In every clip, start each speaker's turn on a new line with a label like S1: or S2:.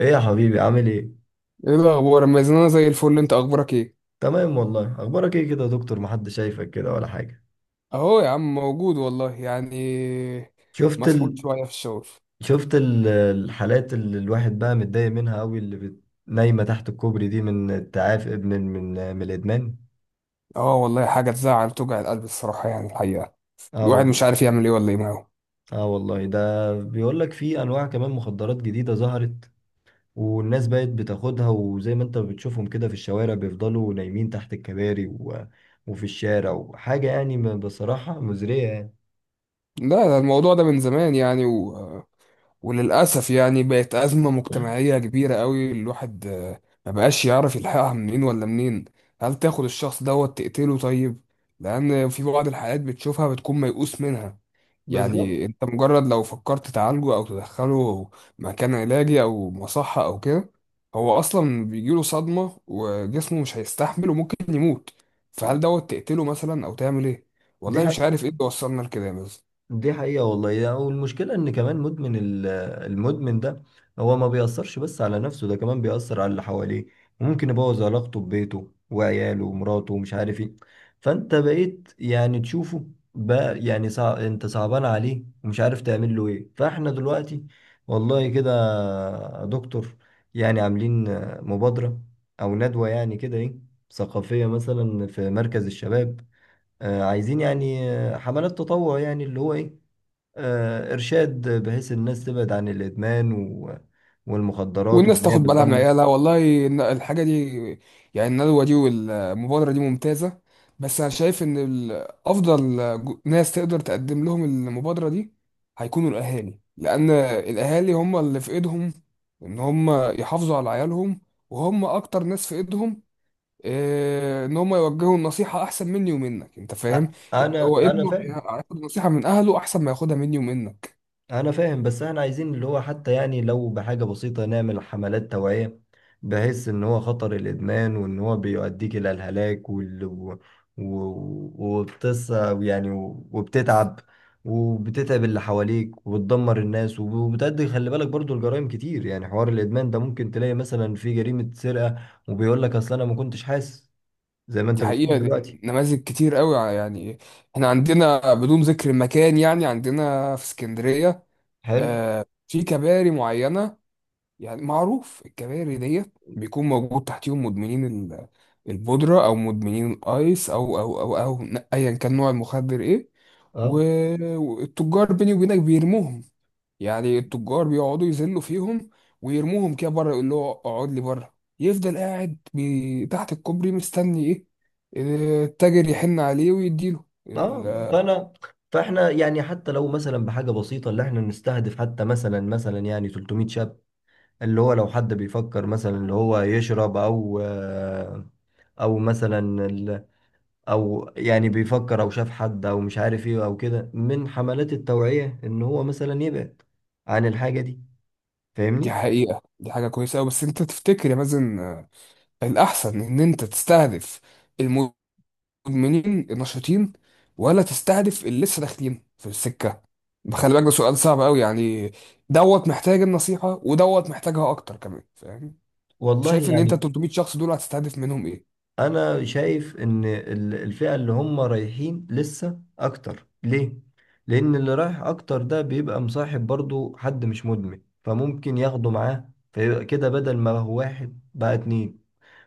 S1: ايه يا حبيبي، عامل ايه؟
S2: ايه الاخبار، اما اذا انا زي الفل، انت اخبارك ايه؟
S1: تمام والله. اخبارك ايه كده يا دكتور؟ محدش شايفك كده ولا حاجه.
S2: اهو يا عم، موجود والله يعني.
S1: شفت ال...
S2: مسحول شويه في الشغل.
S1: الحالات اللي الواحد بقى متضايق منها قوي، اللي نايمه تحت الكوبري دي، من التعافي من الادمان.
S2: اه والله، حاجه تزعل وتوجع القلب الصراحه، يعني الحقيقه.
S1: اه
S2: الواحد
S1: والله.
S2: مش عارف يعمل ايه ولا ايه معاه.
S1: اه والله، ده بيقول لك في انواع كمان مخدرات جديده ظهرت، والناس بقت بتاخدها، وزي ما انت بتشوفهم كده في الشوارع بيفضلوا نايمين تحت الكباري وفي الشارع وحاجه، يعني بصراحه مزريه يعني.
S2: لا، ده الموضوع ده من زمان يعني وللاسف يعني بقت ازمه مجتمعيه كبيره قوي. الواحد ما بقاش يعرف يلحقها منين ولا منين. هل تاخد الشخص دوت تقتله؟ طيب، لان في بعض الحالات بتشوفها بتكون ميؤوس منها.
S1: بالظبط.
S2: يعني انت مجرد لو فكرت تعالجه او تدخله مكان علاجي او مصحة او كده، هو اصلا بيجيله صدمة وجسمه مش هيستحمل وممكن يموت. فهل دوت تقتله مثلا او تعمل ايه؟
S1: دي
S2: والله مش عارف ايه اللي وصلنا لكده بس.
S1: دي حقيقة والله والمشكلة إن كمان المدمن ده هو ما بيأثرش بس على نفسه، ده كمان بيأثر على اللي حواليه، وممكن يبوظ علاقته ببيته وعياله ومراته ومش عارف إيه. فأنت بقيت يعني تشوفه، بقى يعني أنت صعبان عليه ومش عارف تعمل له إيه. فإحنا دلوقتي والله كده يا دكتور، يعني عاملين مبادرة أو ندوة يعني كده إيه، ثقافية مثلا في مركز الشباب. عايزين يعني حملات تطوع، يعني اللي هو إيه، إرشاد، بحيث الناس تبعد عن الإدمان والمخدرات،
S2: والناس
S1: وإن هي
S2: تاخد بالها من
S1: بتدمر.
S2: عيالها، والله إن الحاجة دي، يعني الندوة دي والمبادرة دي ممتازة. بس أنا شايف إن أفضل ناس تقدر تقدم لهم المبادرة دي هيكونوا الأهالي، لأن الأهالي هم اللي في إيدهم إن هم يحافظوا على عيالهم، وهم أكتر ناس في إيدهم. إن هم يوجهوا النصيحة أحسن مني ومنك. أنت
S1: أ-
S2: فاهم؟ يعني
S1: أنا
S2: هو
S1: أنا
S2: ابنه
S1: فاهم.
S2: هياخد نصيحة من أهله أحسن ما ياخدها مني ومنك.
S1: انا فاهم، بس احنا عايزين اللي هو حتى يعني لو بحاجة بسيطة نعمل حملات توعية، بحيث ان هو خطر الادمان، وان هو بيؤديك الى الهلاك، وال... و... و... وبتص يعني وبتتعب اللي حواليك، وبتدمر الناس، وبتأدي. خلي بالك برضو الجرائم كتير يعني، حوار الادمان ده ممكن تلاقي مثلا في جريمة سرقة، وبيقول لك اصل انا ما كنتش حاسس، زي ما انت
S2: دي حقيقة،
S1: بتقول
S2: دي
S1: دلوقتي.
S2: نماذج كتير قوي يعني احنا عندنا، بدون ذكر المكان، يعني عندنا في اسكندرية
S1: حلو.
S2: في كباري معينة. يعني معروف الكباري ديت بيكون موجود تحتيهم مدمنين البودرة، أو مدمنين الأيس، أو أيا كان نوع المخدر إيه.
S1: اه.
S2: والتجار بيني وبينك بيرموهم. يعني التجار بيقعدوا يذلوا فيهم، ويرموهم كده بره، يقول له اقعد لي بره. يفضل قاعد تحت الكوبري، مستني ايه؟ التاجر يحن عليه ويديله
S1: اه. فاحنا يعني حتى لو مثلا بحاجه بسيطه، اللي احنا نستهدف حتى مثلا يعني 300 شاب، اللي هو لو حد بيفكر مثلا اللي هو يشرب او او مثلا ال- او يعني بيفكر او شاف حد او مش عارف ايه او كده، من حملات التوعيه، ان هو مثلا يبعد عن الحاجه دي.
S2: دي
S1: فاهمني؟
S2: حقيقة، دي حاجة كويسة أوي، بس أنت تفتكر يا مازن، الأحسن إن أنت تستهدف المدمنين النشطين، ولا تستهدف اللي لسه داخلين في السكة؟ خلي بالك، ده سؤال صعب أوي يعني. دوت محتاج النصيحة ودوت محتاجها أكتر كمان. فاهم؟
S1: والله
S2: شايف إن أنت
S1: يعني
S2: 300 شخص دول هتستهدف منهم إيه؟
S1: انا شايف ان الفئة اللي هم رايحين لسه اكتر، ليه؟ لان اللي رايح اكتر ده بيبقى مصاحب برضو حد مش مدمن، فممكن ياخده معاه، فيبقى كده بدل ما هو واحد بقى اتنين،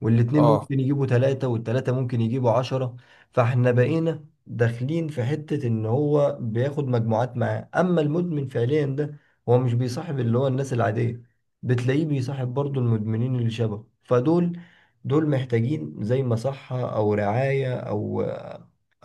S1: والاتنين
S2: اه،
S1: ممكن يجيبوا تلاتة، والتلاتة ممكن يجيبوا عشرة. فاحنا بقينا داخلين في حتة ان هو بياخد مجموعات معاه. اما المدمن فعليا ده، هو مش بيصاحب اللي هو الناس العادية، بتلاقيه بيصاحب برضو المدمنين اللي شبهه. فدول محتاجين زي مصحة او رعاية او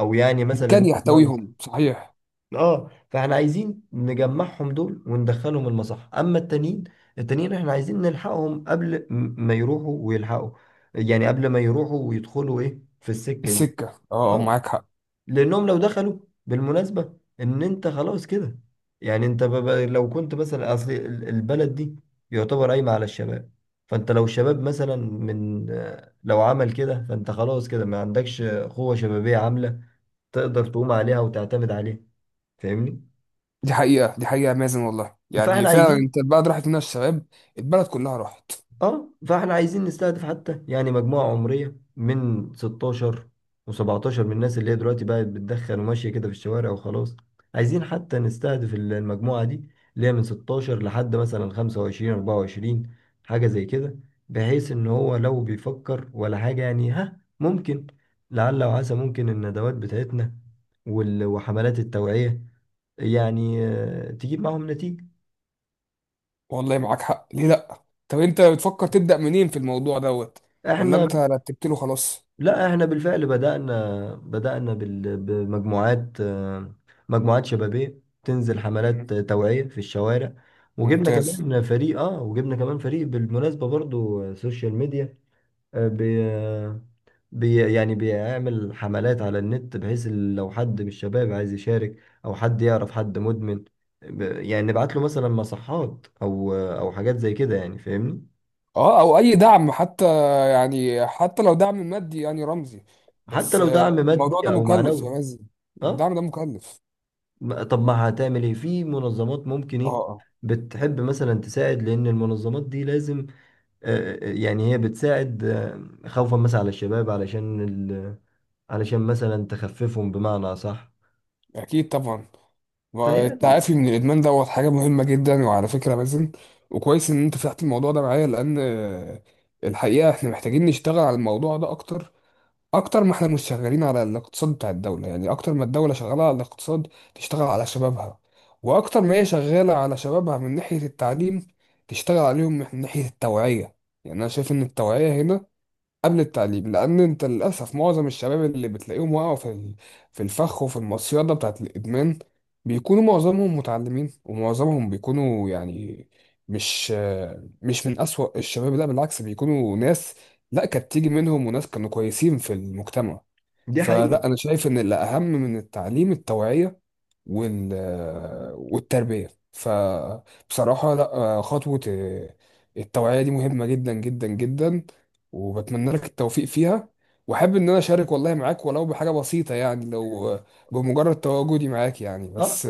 S1: او يعني
S2: مكان
S1: مثلا.
S2: يحتويهم صحيح.
S1: اه، فاحنا عايزين نجمعهم دول وندخلهم المصح. اما التانيين احنا عايزين نلحقهم قبل ما يروحوا ويلحقوا، يعني قبل ما يروحوا ويدخلوا ايه في السكة دي.
S2: السكة. اه،
S1: اه،
S2: معاك حق.
S1: لانهم لو دخلوا بالمناسبة ان انت خلاص كده، يعني انت لو كنت مثلا اصل البلد دي يعتبر قايمة على الشباب، فانت لو شباب مثلا من لو عمل كده، فانت خلاص كده ما عندكش قوة شبابية عاملة تقدر تقوم عليها وتعتمد عليها. فاهمني؟
S2: دي حقيقة، دي حقيقة يا مازن، والله يعني
S1: فاحنا
S2: فعلا
S1: عايزين
S2: انت البلد راحت منها الشباب. البلد كلها راحت.
S1: اه فاحنا عايزين نستهدف حتى يعني مجموعة عمرية من 16 و17، من الناس اللي هي دلوقتي بقت بتدخن وماشية كده في الشوارع وخلاص. عايزين حتى نستهدف المجموعة دي اللي هي من 16 لحد مثلا 25 24، حاجة زي كده، بحيث ان هو لو بيفكر ولا حاجة، يعني ها، ممكن لعل وعسى ممكن الندوات بتاعتنا وحملات التوعية، يعني تجيب معهم نتيجة.
S2: والله معاك حق، ليه لأ؟ طب انت بتفكر تبدأ منين في الموضوع دوت، ولا
S1: احنا
S2: انت رتبت له خلاص؟
S1: لا، احنا بالفعل بدأنا بمجموعات، مجموعات شبابية تنزل حملات توعية في الشوارع.
S2: ممتاز.
S1: وجبنا كمان فريق بالمناسبة برضو، سوشيال ميديا. آه، بي آه، بي يعني بيعمل حملات على النت، بحيث لو حد من الشباب عايز يشارك، او حد يعرف حد مدمن، يعني نبعت له مثلا مصحات او حاجات زي كده يعني. فاهمني؟
S2: اه، او اي دعم حتى، يعني حتى لو دعم مادي يعني رمزي.
S1: حتى
S2: بس
S1: لو دعم
S2: الموضوع
S1: مادي
S2: ده
S1: او
S2: مكلف يا
S1: معنوي.
S2: مازن.
S1: اه.
S2: الدعم ده مكلف.
S1: طب ما هتعمل ايه في منظمات ممكن
S2: اه،
S1: ايه بتحب مثلا تساعد، لان المنظمات دي لازم، يعني هي بتساعد، خوفا مثلا على الشباب، علشان علشان مثلا تخففهم بمعنى صح،
S2: اكيد طبعا.
S1: فيعني.
S2: والتعافي من الادمان دوت حاجه مهمه جدا، وعلى فكره مازن، وكويس ان انت فتحت الموضوع ده معايا، لان الحقيقه احنا محتاجين نشتغل على الموضوع ده اكتر. اكتر ما احنا مش شغالين على الاقتصاد بتاع الدوله، يعني اكتر ما الدوله شغاله على الاقتصاد تشتغل على شبابها، واكتر ما هي شغاله على شبابها من ناحيه التعليم تشتغل عليهم من ناحيه التوعيه. يعني انا شايف ان التوعيه هنا قبل التعليم، لان انت للاسف معظم الشباب اللي بتلاقيهم وقعوا في الفخ وفي المصيده بتاعت الادمان، بيكونوا معظمهم متعلمين، ومعظمهم بيكونوا يعني مش مش من اسوأ الشباب. لا بالعكس، بيكونوا ناس لا كانت تيجي منهم، وناس كانوا كويسين في المجتمع.
S1: دي حقيقة.
S2: فلا، انا شايف ان الاهم من التعليم التوعيه وال والتربية. فبصراحة لا، خطوة التوعية دي مهمة جدا جدا جدا، وبتمنى لك التوفيق فيها. وأحب إن أنا أشارك والله معاك، ولو بحاجة بسيطة يعني، لو بمجرد تواجدي معاك يعني
S1: اه،
S2: بس.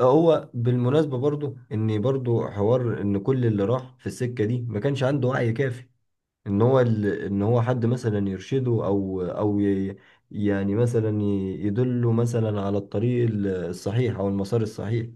S1: هو بالمناسبة برضو ان برضو حوار ان كل اللي راح في السكة دي ما كانش عنده وعي كافي، ان هو ان هو حد مثلا يرشده او يعني مثلا يدله مثلا على الطريق الصحيح او المسار الصحيح.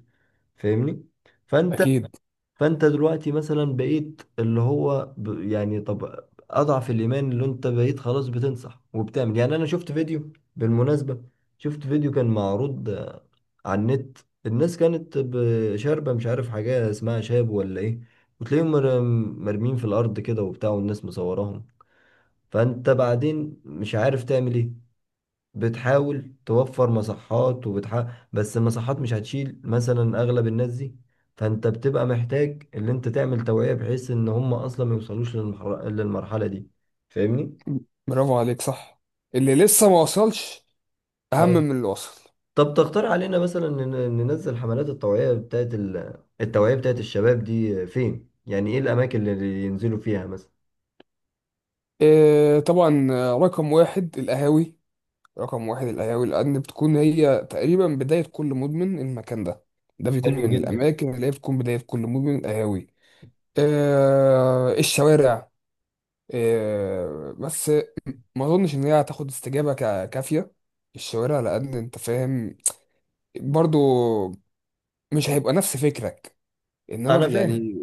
S1: فاهمني؟ فانت
S2: أكيد.
S1: فانت دلوقتي مثلا بقيت اللي هو يعني طب اضعف الايمان، اللي انت بقيت خلاص بتنصح وبتعمل، يعني انا شفت فيديو بالمناسبة شفت فيديو كان معروض على النت، الناس كانت شاربة مش عارف حاجة اسمها شاب ولا ايه، وتلاقيهم مرميين في الارض كده وبتاع، والناس مصوراهم. فانت بعدين مش عارف تعمل ايه، بتحاول توفر مصحات، وبتحاول، بس المصحات مش هتشيل مثلا اغلب الناس دي، فانت بتبقى محتاج ان انت تعمل توعية بحيث ان هم اصلا ما يوصلوش للمرحلة دي. فاهمني؟
S2: برافو عليك، صح. اللي لسه ما وصلش أهم
S1: ف-
S2: من اللي وصل.
S1: طب تقترح علينا مثلا ننزل حملات التوعية بتاعت التوعية بتاعت الشباب دي فين؟ يعني ايه الاماكن اللي ينزلوا فيها مثلا؟
S2: إيه، طبعا. رقم واحد القهاوي، رقم واحد القهاوي، لأن بتكون هي تقريبا بداية كل مدمن، المكان ده، ده بيكون
S1: حلو
S2: من
S1: جدا.
S2: الأماكن اللي هي بتكون بداية كل مدمن، القهاوي. الشوارع. بس ما أظنش إن هي هتاخد استجابة كافية. الشوارع، لأن أنت فاهم برضو مش هيبقى نفس فكرك، انما
S1: انا فاهم.
S2: يعني.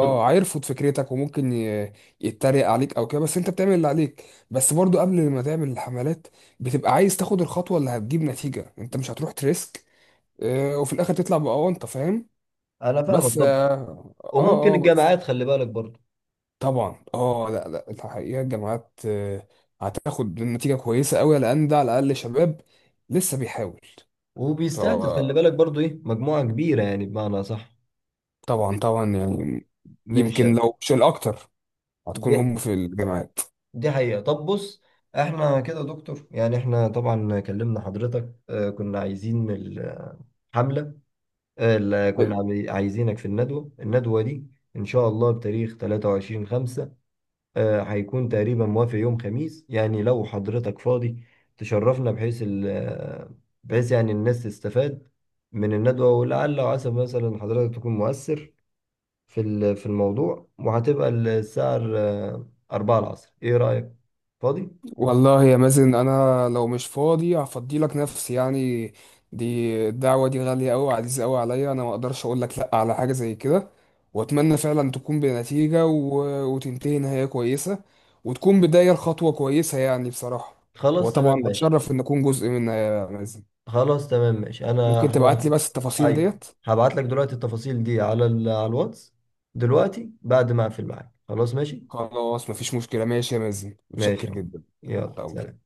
S1: طب
S2: اه هيرفض فكرتك، وممكن يتريق عليك او كده، بس انت بتعمل اللي عليك. بس برضو قبل ما تعمل الحملات بتبقى عايز تاخد الخطوة اللي هتجيب نتيجة، انت مش هتروح تريسك، وفي الاخر تطلع بأونطة. فاهم؟
S1: انا فاهمك.
S2: بس
S1: طب وممكن
S2: بس.
S1: الجامعات، خلي بالك برضه،
S2: طبعا، اه لا لا، الحقيقة الجامعات هتاخد نتيجة كويسة قوي لان ده على الاقل شباب لسه بيحاول.
S1: وبيستهدف خلي
S2: فطبعا
S1: بالك برضو ايه مجموعة كبيرة يعني بمعنى صح،
S2: طبعا
S1: من
S2: يعني،
S1: من
S2: يمكن
S1: الشرق.
S2: لو مش الاكتر هتكون
S1: دي
S2: هم في الجامعات.
S1: دي حقيقة. طب بص، احنا كده يا دكتور يعني احنا طبعا كلمنا حضرتك، اه كنا عايزين الحملة، اه لا، كنا عايزينك في الندوة دي، ان شاء الله بتاريخ 23 5، اه هيكون تقريبا موافق يوم خميس، يعني لو حضرتك فاضي تشرفنا، بحيث بحيث يعني الناس تستفاد من الندوة، ولعل وعسى مثلا حضرتك تكون مؤثر في الموضوع، وهتبقى الساعة أربعة العصر. إيه رأيك؟ فاضي؟
S2: والله يا مازن، انا لو مش فاضي هفضي لك نفسي يعني. دي الدعوه دي غاليه قوي عزيزه قوي عليا، انا ما اقدرش اقول لك لا على حاجه زي كده. واتمنى فعلا تكون بنتيجه وتنتهي نهايه كويسه، وتكون بدايه لخطوه كويسه يعني بصراحه.
S1: خلاص تمام
S2: وطبعا
S1: ماشي
S2: اتشرف ان اكون جزء منها يا مازن.
S1: خلاص تمام ماشي. أنا
S2: ممكن
S1: هبعت
S2: تبعت لي بس التفاصيل
S1: أيوه،
S2: ديت؟
S1: هبعت لك دلوقتي التفاصيل دي على على الواتس، دلوقتي بعد ما أقفل معاك. خلاص ماشي؟
S2: خلاص مفيش مشكله. ماشي يا مازن،
S1: ماشي
S2: متشكر
S1: أهو،
S2: جدا.
S1: يلا
S2: على
S1: سلام.
S2: أمرك.